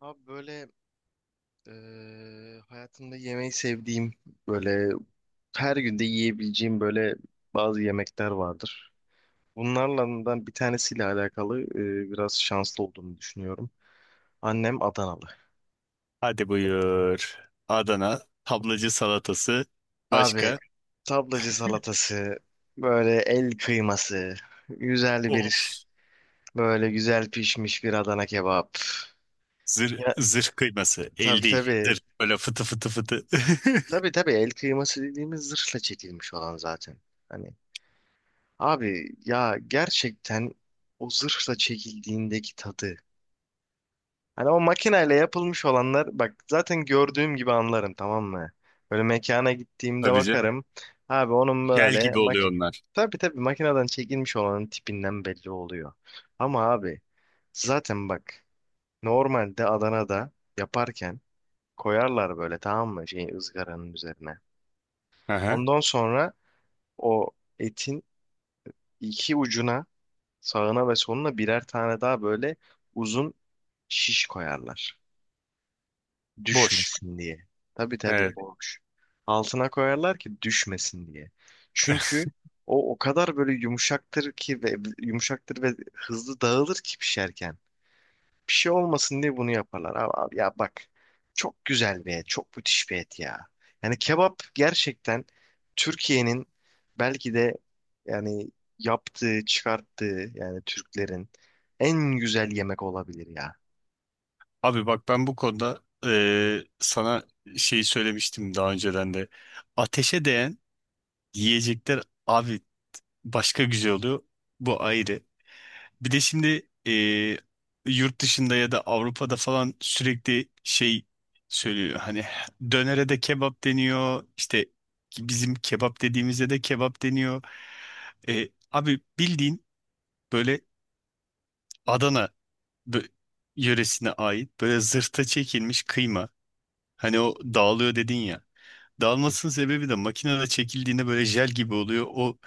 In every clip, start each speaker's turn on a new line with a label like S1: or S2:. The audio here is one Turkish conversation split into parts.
S1: Abi böyle hayatımda yemeği sevdiğim böyle her günde yiyebileceğim böyle bazı yemekler vardır. Bunlardan bir tanesiyle alakalı biraz şanslı olduğumu düşünüyorum. Annem Adanalı.
S2: Hadi buyur. Adana tablacı salatası
S1: Abi
S2: başka.
S1: tablacı salatası, böyle el kıyması, güzel
S2: Oh,
S1: bir böyle güzel pişmiş bir Adana kebap.
S2: zırh,
S1: Ya
S2: zırh kıyması el
S1: tabii
S2: değil
S1: tabii
S2: zırh, böyle fıtı fıtı fıtı.
S1: tabii tabii el kıyması dediğimiz zırhla çekilmiş olan zaten. Hani abi ya gerçekten o zırhla çekildiğindeki tadı. Hani o makineyle yapılmış olanlar bak zaten gördüğüm gibi anlarım, tamam mı? Böyle mekana gittiğimde
S2: Tabii canım,
S1: bakarım. Abi onun
S2: jel
S1: böyle
S2: gibi
S1: maki
S2: oluyor onlar.
S1: tabii tabii makineden çekilmiş olanın tipinden belli oluyor. Ama abi zaten bak normalde Adana'da yaparken koyarlar böyle, tamam mı, şey ızgaranın üzerine.
S2: Aha.
S1: Ondan sonra o etin iki ucuna, sağına ve soluna birer tane daha böyle uzun şiş koyarlar.
S2: Boş.
S1: Düşmesin diye. Tabii tabii
S2: Evet.
S1: boş. Altına koyarlar ki düşmesin diye. Çünkü o kadar böyle yumuşaktır ki ve yumuşaktır ve hızlı dağılır ki pişerken. Bir şey olmasın diye bunu yaparlar. Abi, abi ya bak, çok güzel bir et, çok müthiş bir et ya. Yani kebap gerçekten Türkiye'nin belki de, yani, yaptığı, çıkarttığı, yani Türklerin en güzel yemek olabilir ya.
S2: Abi bak, ben bu konuda sana şeyi söylemiştim daha önceden de, ateşe değen yiyecekler abi başka güzel oluyor, bu ayrı. Bir de şimdi yurt dışında ya da Avrupa'da falan sürekli şey söylüyor. Hani dönere de kebap deniyor, İşte bizim kebap dediğimizde de kebap deniyor. Abi bildiğin böyle Adana bö- yöresine ait böyle zırhta çekilmiş kıyma. Hani o dağılıyor dedin ya. Dağılmasının sebebi de makinede çekildiğinde böyle jel gibi oluyor, o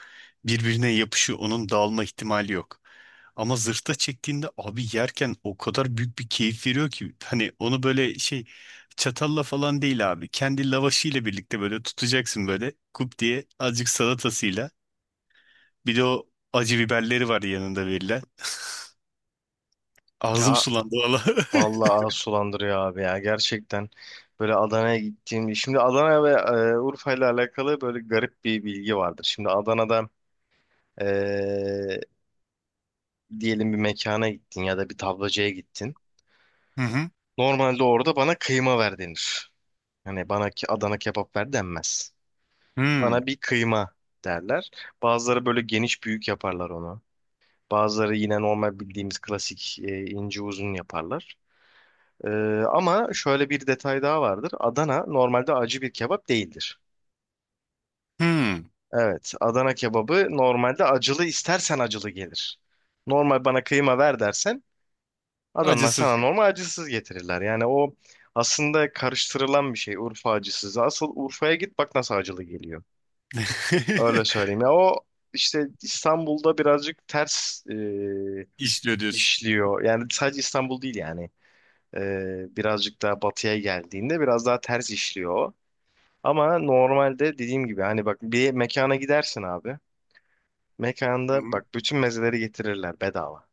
S2: birbirine yapışıyor. Onun dağılma ihtimali yok. Ama zırhta çektiğinde abi, yerken o kadar büyük bir keyif veriyor ki. Hani onu böyle şey, çatalla falan değil abi. Kendi lavaşıyla birlikte böyle tutacaksın, böyle kup diye azıcık salatasıyla. Bir de o acı biberleri var yanında verilen. Ağzım
S1: Ya
S2: sulandı valla.
S1: vallahi ağız sulandırıyor abi ya, gerçekten böyle Adana'ya gittiğim şimdi Adana ve Urfa ile alakalı böyle garip bir bilgi vardır. Şimdi Adana'da e, diyelim bir mekana gittin ya da bir tablacıya gittin.
S2: Hı hı.
S1: Normalde orada bana kıyma ver denir. Hani bana ki Adana kebap ver denmez.
S2: Hmm.
S1: Bana bir kıyma derler. Bazıları böyle geniş büyük yaparlar onu. Bazıları yine normal bildiğimiz klasik ince uzun yaparlar. Ee, Ama şöyle bir detay daha vardır. Adana normalde acı bir kebap değildir.
S2: Hmm.
S1: Evet, Adana kebabı normalde acılı istersen acılı gelir. Normal bana kıyma ver dersen adamlar
S2: Acısız.
S1: sana normal acısız getirirler. Yani o aslında karıştırılan bir şey Urfa acısızı. Asıl Urfa'ya git bak nasıl acılı geliyor. Öyle söyleyeyim. Ya o işte İstanbul'da birazcık ters
S2: İşliyor diyorsun.
S1: işliyor. Yani sadece İstanbul değil yani. Birazcık daha batıya geldiğinde biraz daha ters işliyor o. Ama normalde dediğim gibi hani bak bir mekana gidersin abi. Mekanda bak bütün mezeleri getirirler bedava.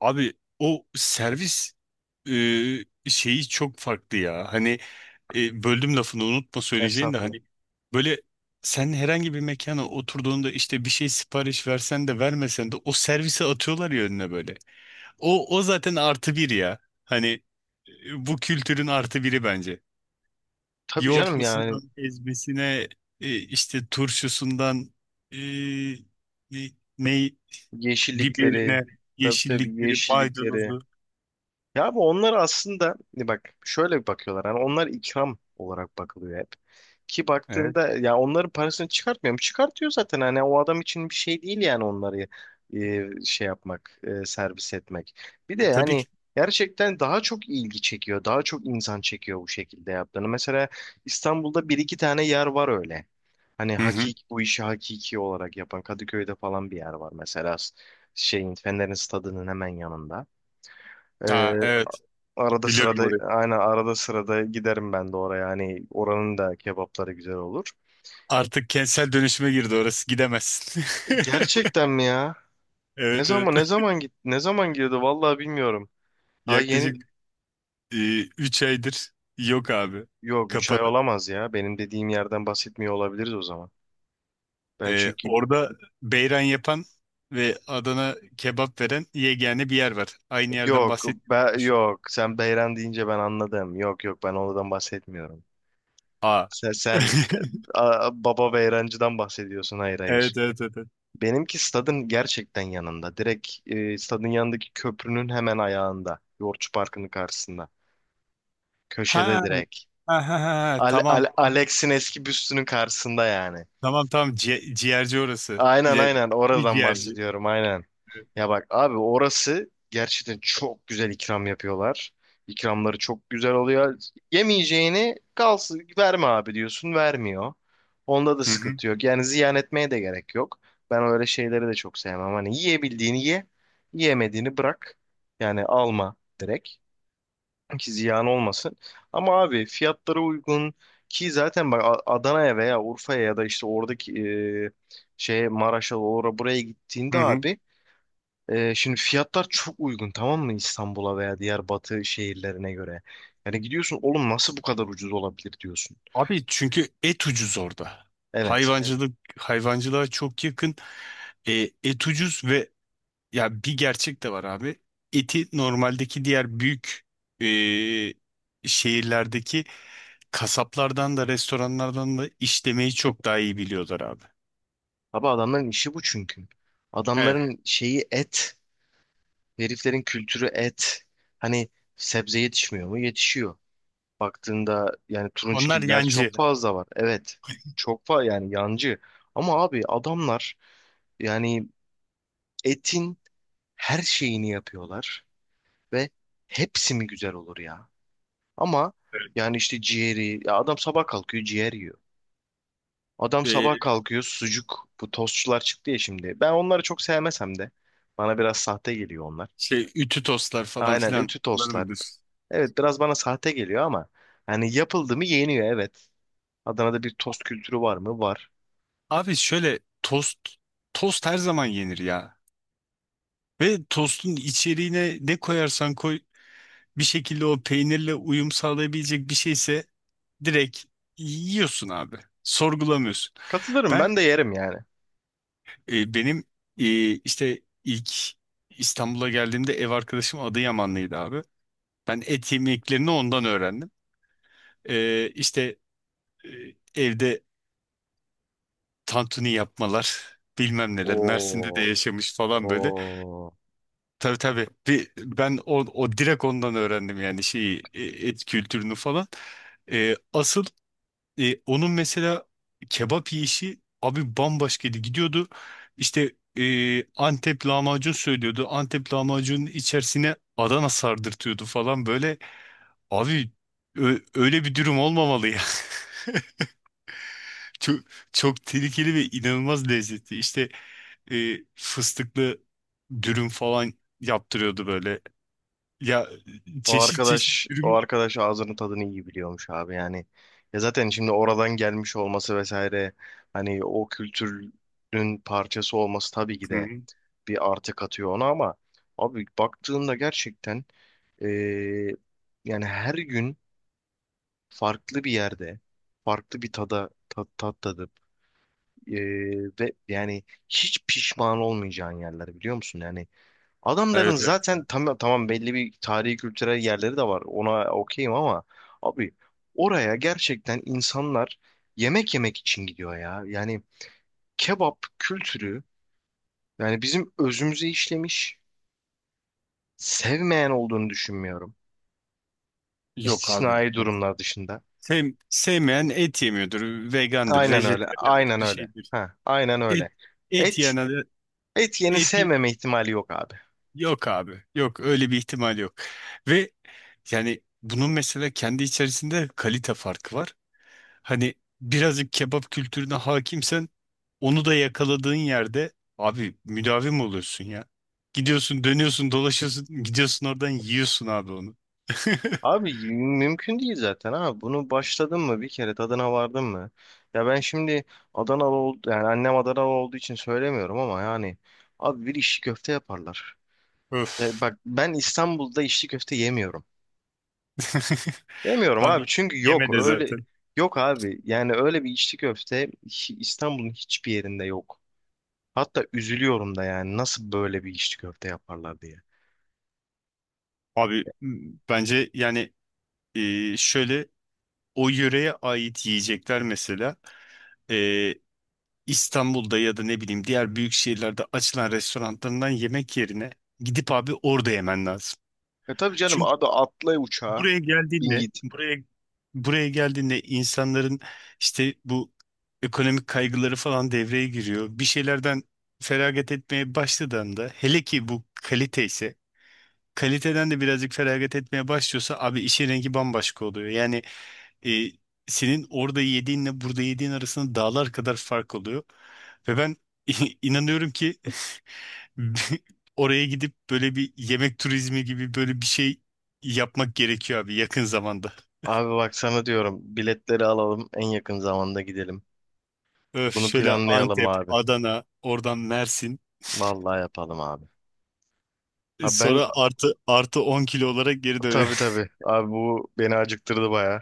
S2: Abi o servis şeyi çok farklı ya. Hani böldüm lafını unutma söyleyeceğin de,
S1: Estağfurullah.
S2: hani böyle, sen herhangi bir mekana oturduğunda işte bir şey sipariş versen de vermesen de o servise atıyorlar ya önüne böyle. O, o zaten artı bir ya. Hani bu kültürün artı biri bence.
S1: Tabii canım yani.
S2: Yoğurtlusundan ezmesine, işte turşusundan, e, e, ney,
S1: Yeşillikleri.
S2: biberine,
S1: Tabii tabii
S2: yeşillikleri,
S1: yeşillikleri.
S2: maydanozu.
S1: Ya abi onlar aslında ne, bak şöyle bir bakıyorlar. Yani onlar ikram olarak bakılıyor hep. Ki baktığında ya onların parasını çıkartmıyor mu? Çıkartıyor zaten, hani o adam için bir şey değil yani onları şey yapmak, servis etmek. Bir de
S2: Tabii
S1: yani
S2: ki.
S1: gerçekten daha çok ilgi çekiyor. Daha çok insan çekiyor bu şekilde yaptığını. Mesela İstanbul'da bir iki tane yer var öyle. Hani
S2: Hı hı.
S1: hakik bu işi hakiki olarak yapan Kadıköy'de falan bir yer var mesela şeyin Fener'in stadının hemen yanında.
S2: Ha, evet,
S1: Arada
S2: biliyorum
S1: sırada,
S2: orayı.
S1: aynen, arada sırada giderim ben de oraya. Hani oranın da kebapları güzel olur.
S2: Artık kentsel dönüşüme girdi orası, gidemezsin.
S1: Gerçekten mi ya?
S2: Evet, evet.
S1: Ne zaman girdi vallahi bilmiyorum. Daha
S2: Yaklaşık
S1: yeni,
S2: 3 aydır yok abi.
S1: yok 3 ay
S2: Kapalı.
S1: olamaz ya. Benim dediğim yerden bahsetmiyor olabiliriz o zaman. Ben
S2: E,
S1: çünkü
S2: orada beyran yapan ve Adana kebap veren yegane bir yer var. Aynı yerden bahset. Düşün.
S1: yok sen Beyran deyince ben anladım. Yok yok ben oradan bahsetmiyorum.
S2: Aa.
S1: Sen baba Beyrancı'dan bahsediyorsun. Hayır hayır.
S2: Evet, evet, evet, evet.
S1: Benimki stadın gerçekten yanında. Direkt stadın yanındaki köprünün hemen ayağında. Yoğurtçu Parkı'nın karşısında.
S2: Ha,
S1: Köşede direkt.
S2: ha, ha, ha. Tamam, tamam.
S1: Alex'in eski büstünün karşısında yani.
S2: Tamam, tamam. Ciğerci orası.
S1: Aynen
S2: Ci-
S1: aynen
S2: Bir
S1: oradan
S2: ciğerci.
S1: bahsediyorum, aynen. Ya bak abi, orası gerçekten çok güzel ikram yapıyorlar. İkramları çok güzel oluyor. Yemeyeceğini kalsın verme abi diyorsun, vermiyor. Onda da
S2: Hı hı.
S1: sıkıntı yok. Yani ziyan etmeye de gerek yok. Ben öyle şeyleri de çok sevmem. Hani yiyebildiğini ye, yiyemediğini bırak. Yani alma direkt ki ziyan olmasın. Ama abi fiyatlara uygun, ki zaten bak Adana'ya veya Urfa'ya ya da işte oradaki şeye Maraş'a, oraya buraya gittiğinde
S2: Hı hı.
S1: abi, şimdi fiyatlar çok uygun, tamam mı, İstanbul'a veya diğer batı şehirlerine göre. Yani gidiyorsun, oğlum nasıl bu kadar ucuz olabilir diyorsun.
S2: Abi çünkü et ucuz orada. Evet.
S1: Evet.
S2: Hayvancılık, hayvancılığa çok yakın. E, et ucuz ve ya, bir gerçek de var abi. Eti normaldeki diğer büyük e, şehirlerdeki kasaplardan da restoranlardan da işlemeyi çok daha iyi biliyorlar abi.
S1: Abi adamların işi bu çünkü.
S2: Evet.
S1: Adamların şeyi et, heriflerin kültürü et. Hani sebze yetişmiyor mu? Yetişiyor. Baktığında yani
S2: Onlar
S1: turunçgiller çok
S2: yancı.
S1: fazla var. Evet. Çok fazla yani yancı. Ama abi adamlar yani etin her şeyini yapıyorlar ve hepsi mi güzel olur ya? Ama yani işte ciğeri, ya adam sabah kalkıyor ciğer yiyor. Adam sabah
S2: E,
S1: kalkıyor sucuk, bu tostçular çıktı ya şimdi. Ben onları çok sevmesem de bana biraz sahte geliyor onlar.
S2: şey, ütü tostlar falan
S1: Aynen,
S2: filan,
S1: ütü
S2: onları
S1: tostlar.
S2: bilir.
S1: Evet biraz bana sahte geliyor ama hani yapıldı mı yeniyor, evet. Adana'da bir tost kültürü var mı? Var.
S2: Abi şöyle, tost, tost her zaman yenir ya. Ve tostun içeriğine ne koyarsan koy, bir şekilde o peynirle uyum sağlayabilecek bir şeyse direkt yiyorsun abi. Sorgulamıyorsun.
S1: Katılırım,
S2: Ben,
S1: ben de yerim yani.
S2: benim e, işte ilk İstanbul'a geldiğimde ev arkadaşım Adıyamanlıydı abi. Ben et yemeklerini ondan öğrendim. E, işte, e, evde tantuni yapmalar, bilmem neler, Mersin'de de
S1: Oo,
S2: yaşamış falan böyle.
S1: oo.
S2: Tabii tabii, bir, ben o direkt ondan öğrendim yani şeyi, et kültürünü falan. E, asıl, E, onun mesela kebap yiyişi abi bambaşkaydı. Gidiyordu işte, Antep lahmacun söylüyordu. Antep lahmacunun içerisine Adana sardırtıyordu falan böyle. Abi öyle bir durum olmamalı ya. Çok, çok tehlikeli ve inanılmaz lezzetli. İşte fıstıklı dürüm falan yaptırıyordu böyle. Ya, çeşit çeşit
S1: O
S2: dürüm.
S1: arkadaş ağzının tadını iyi biliyormuş abi yani. Ya zaten şimdi oradan gelmiş olması vesaire, hani o kültürün parçası olması, tabii ki
S2: Hı
S1: de
S2: hı.
S1: bir artı katıyor ona. Ama abi baktığında gerçekten, eee, yani her gün farklı bir yerde farklı bir tada, tat tadı. Ee, Ve yani hiç pişman olmayacağın yerler, biliyor musun? Yani adamların
S2: Evet, evet.
S1: zaten tamam, belli bir tarihi kültürel yerleri de var. Ona okeyim ama abi oraya gerçekten insanlar yemek yemek için gidiyor ya. Yani kebap kültürü yani bizim özümüze işlemiş. Sevmeyen olduğunu düşünmüyorum.
S2: Yok abi.
S1: İstisnai durumlar dışında.
S2: Sevmeyen et yemiyordur. Vegandır,
S1: Aynen öyle.
S2: vejetaryandır,
S1: Aynen
S2: bir
S1: öyle.
S2: şeydir.
S1: Ha, aynen öyle.
S2: Et, et
S1: Et
S2: yiyen adam-
S1: Et yeni
S2: et y-
S1: sevmeme ihtimali yok abi.
S2: yok abi. Yok, öyle bir ihtimal yok. Ve yani bunun mesela kendi içerisinde kalite farkı var. Hani birazcık kebap kültürüne hakimsen, onu da yakaladığın yerde abi müdavim oluyorsun ya. Gidiyorsun, dönüyorsun, dolaşıyorsun, gidiyorsun oradan yiyorsun abi onu.
S1: Abi mümkün değil zaten abi. Bunu başladın mı bir kere, tadına vardın mı? Ya ben şimdi Adanalı oldu, yani annem Adanalı olduğu için söylemiyorum ama yani abi, bir içli köfte yaparlar. E
S2: Öf.
S1: bak, ben İstanbul'da içli köfte yemiyorum. Yemiyorum abi
S2: Abi
S1: çünkü yok
S2: yeme de
S1: öyle,
S2: zaten.
S1: yok abi, yani öyle bir içli köfte İstanbul'un hiçbir yerinde yok. Hatta üzülüyorum da yani nasıl böyle bir içli köfte yaparlar diye.
S2: Abi bence yani, şöyle, o yöreye ait yiyecekler mesela e, İstanbul'da ya da ne bileyim diğer büyük şehirlerde açılan restoranlarından yemek yerine gidip abi orada yemen lazım.
S1: E tabii canım,
S2: Çünkü
S1: hadi atla uçağa
S2: buraya
S1: bin
S2: geldiğinde,
S1: git.
S2: buraya geldiğinde insanların işte bu ekonomik kaygıları falan devreye giriyor. Bir şeylerden feragat etmeye başladığında, hele ki bu kalite ise, kaliteden de birazcık feragat etmeye başlıyorsa abi işin rengi bambaşka oluyor. Yani e, senin orada yediğinle burada yediğin arasında dağlar kadar fark oluyor. Ve ben inanıyorum ki oraya gidip böyle bir yemek turizmi gibi böyle bir şey yapmak gerekiyor abi yakın zamanda.
S1: Abi bak sana diyorum, biletleri alalım en yakın zamanda gidelim.
S2: Öf,
S1: Bunu
S2: şöyle
S1: planlayalım
S2: Antep,
S1: abi.
S2: Adana, oradan Mersin.
S1: Vallahi yapalım abi. Abi ben,
S2: Sonra artı artı 10 kilo olarak geri dön.
S1: tabii tabii abi, bu beni acıktırdı baya.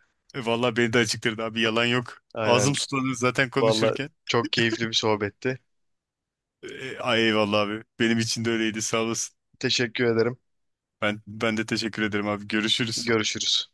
S2: Vallahi beni de acıktırdı abi, yalan yok. Ağzım
S1: Aynen,
S2: sulanıyor zaten
S1: vallahi
S2: konuşurken.
S1: çok keyifli bir sohbetti.
S2: Ay eyvallah abi. Benim için de öyleydi, sağ olasın.
S1: Teşekkür ederim.
S2: Ben de teşekkür ederim abi. Görüşürüz.
S1: Görüşürüz.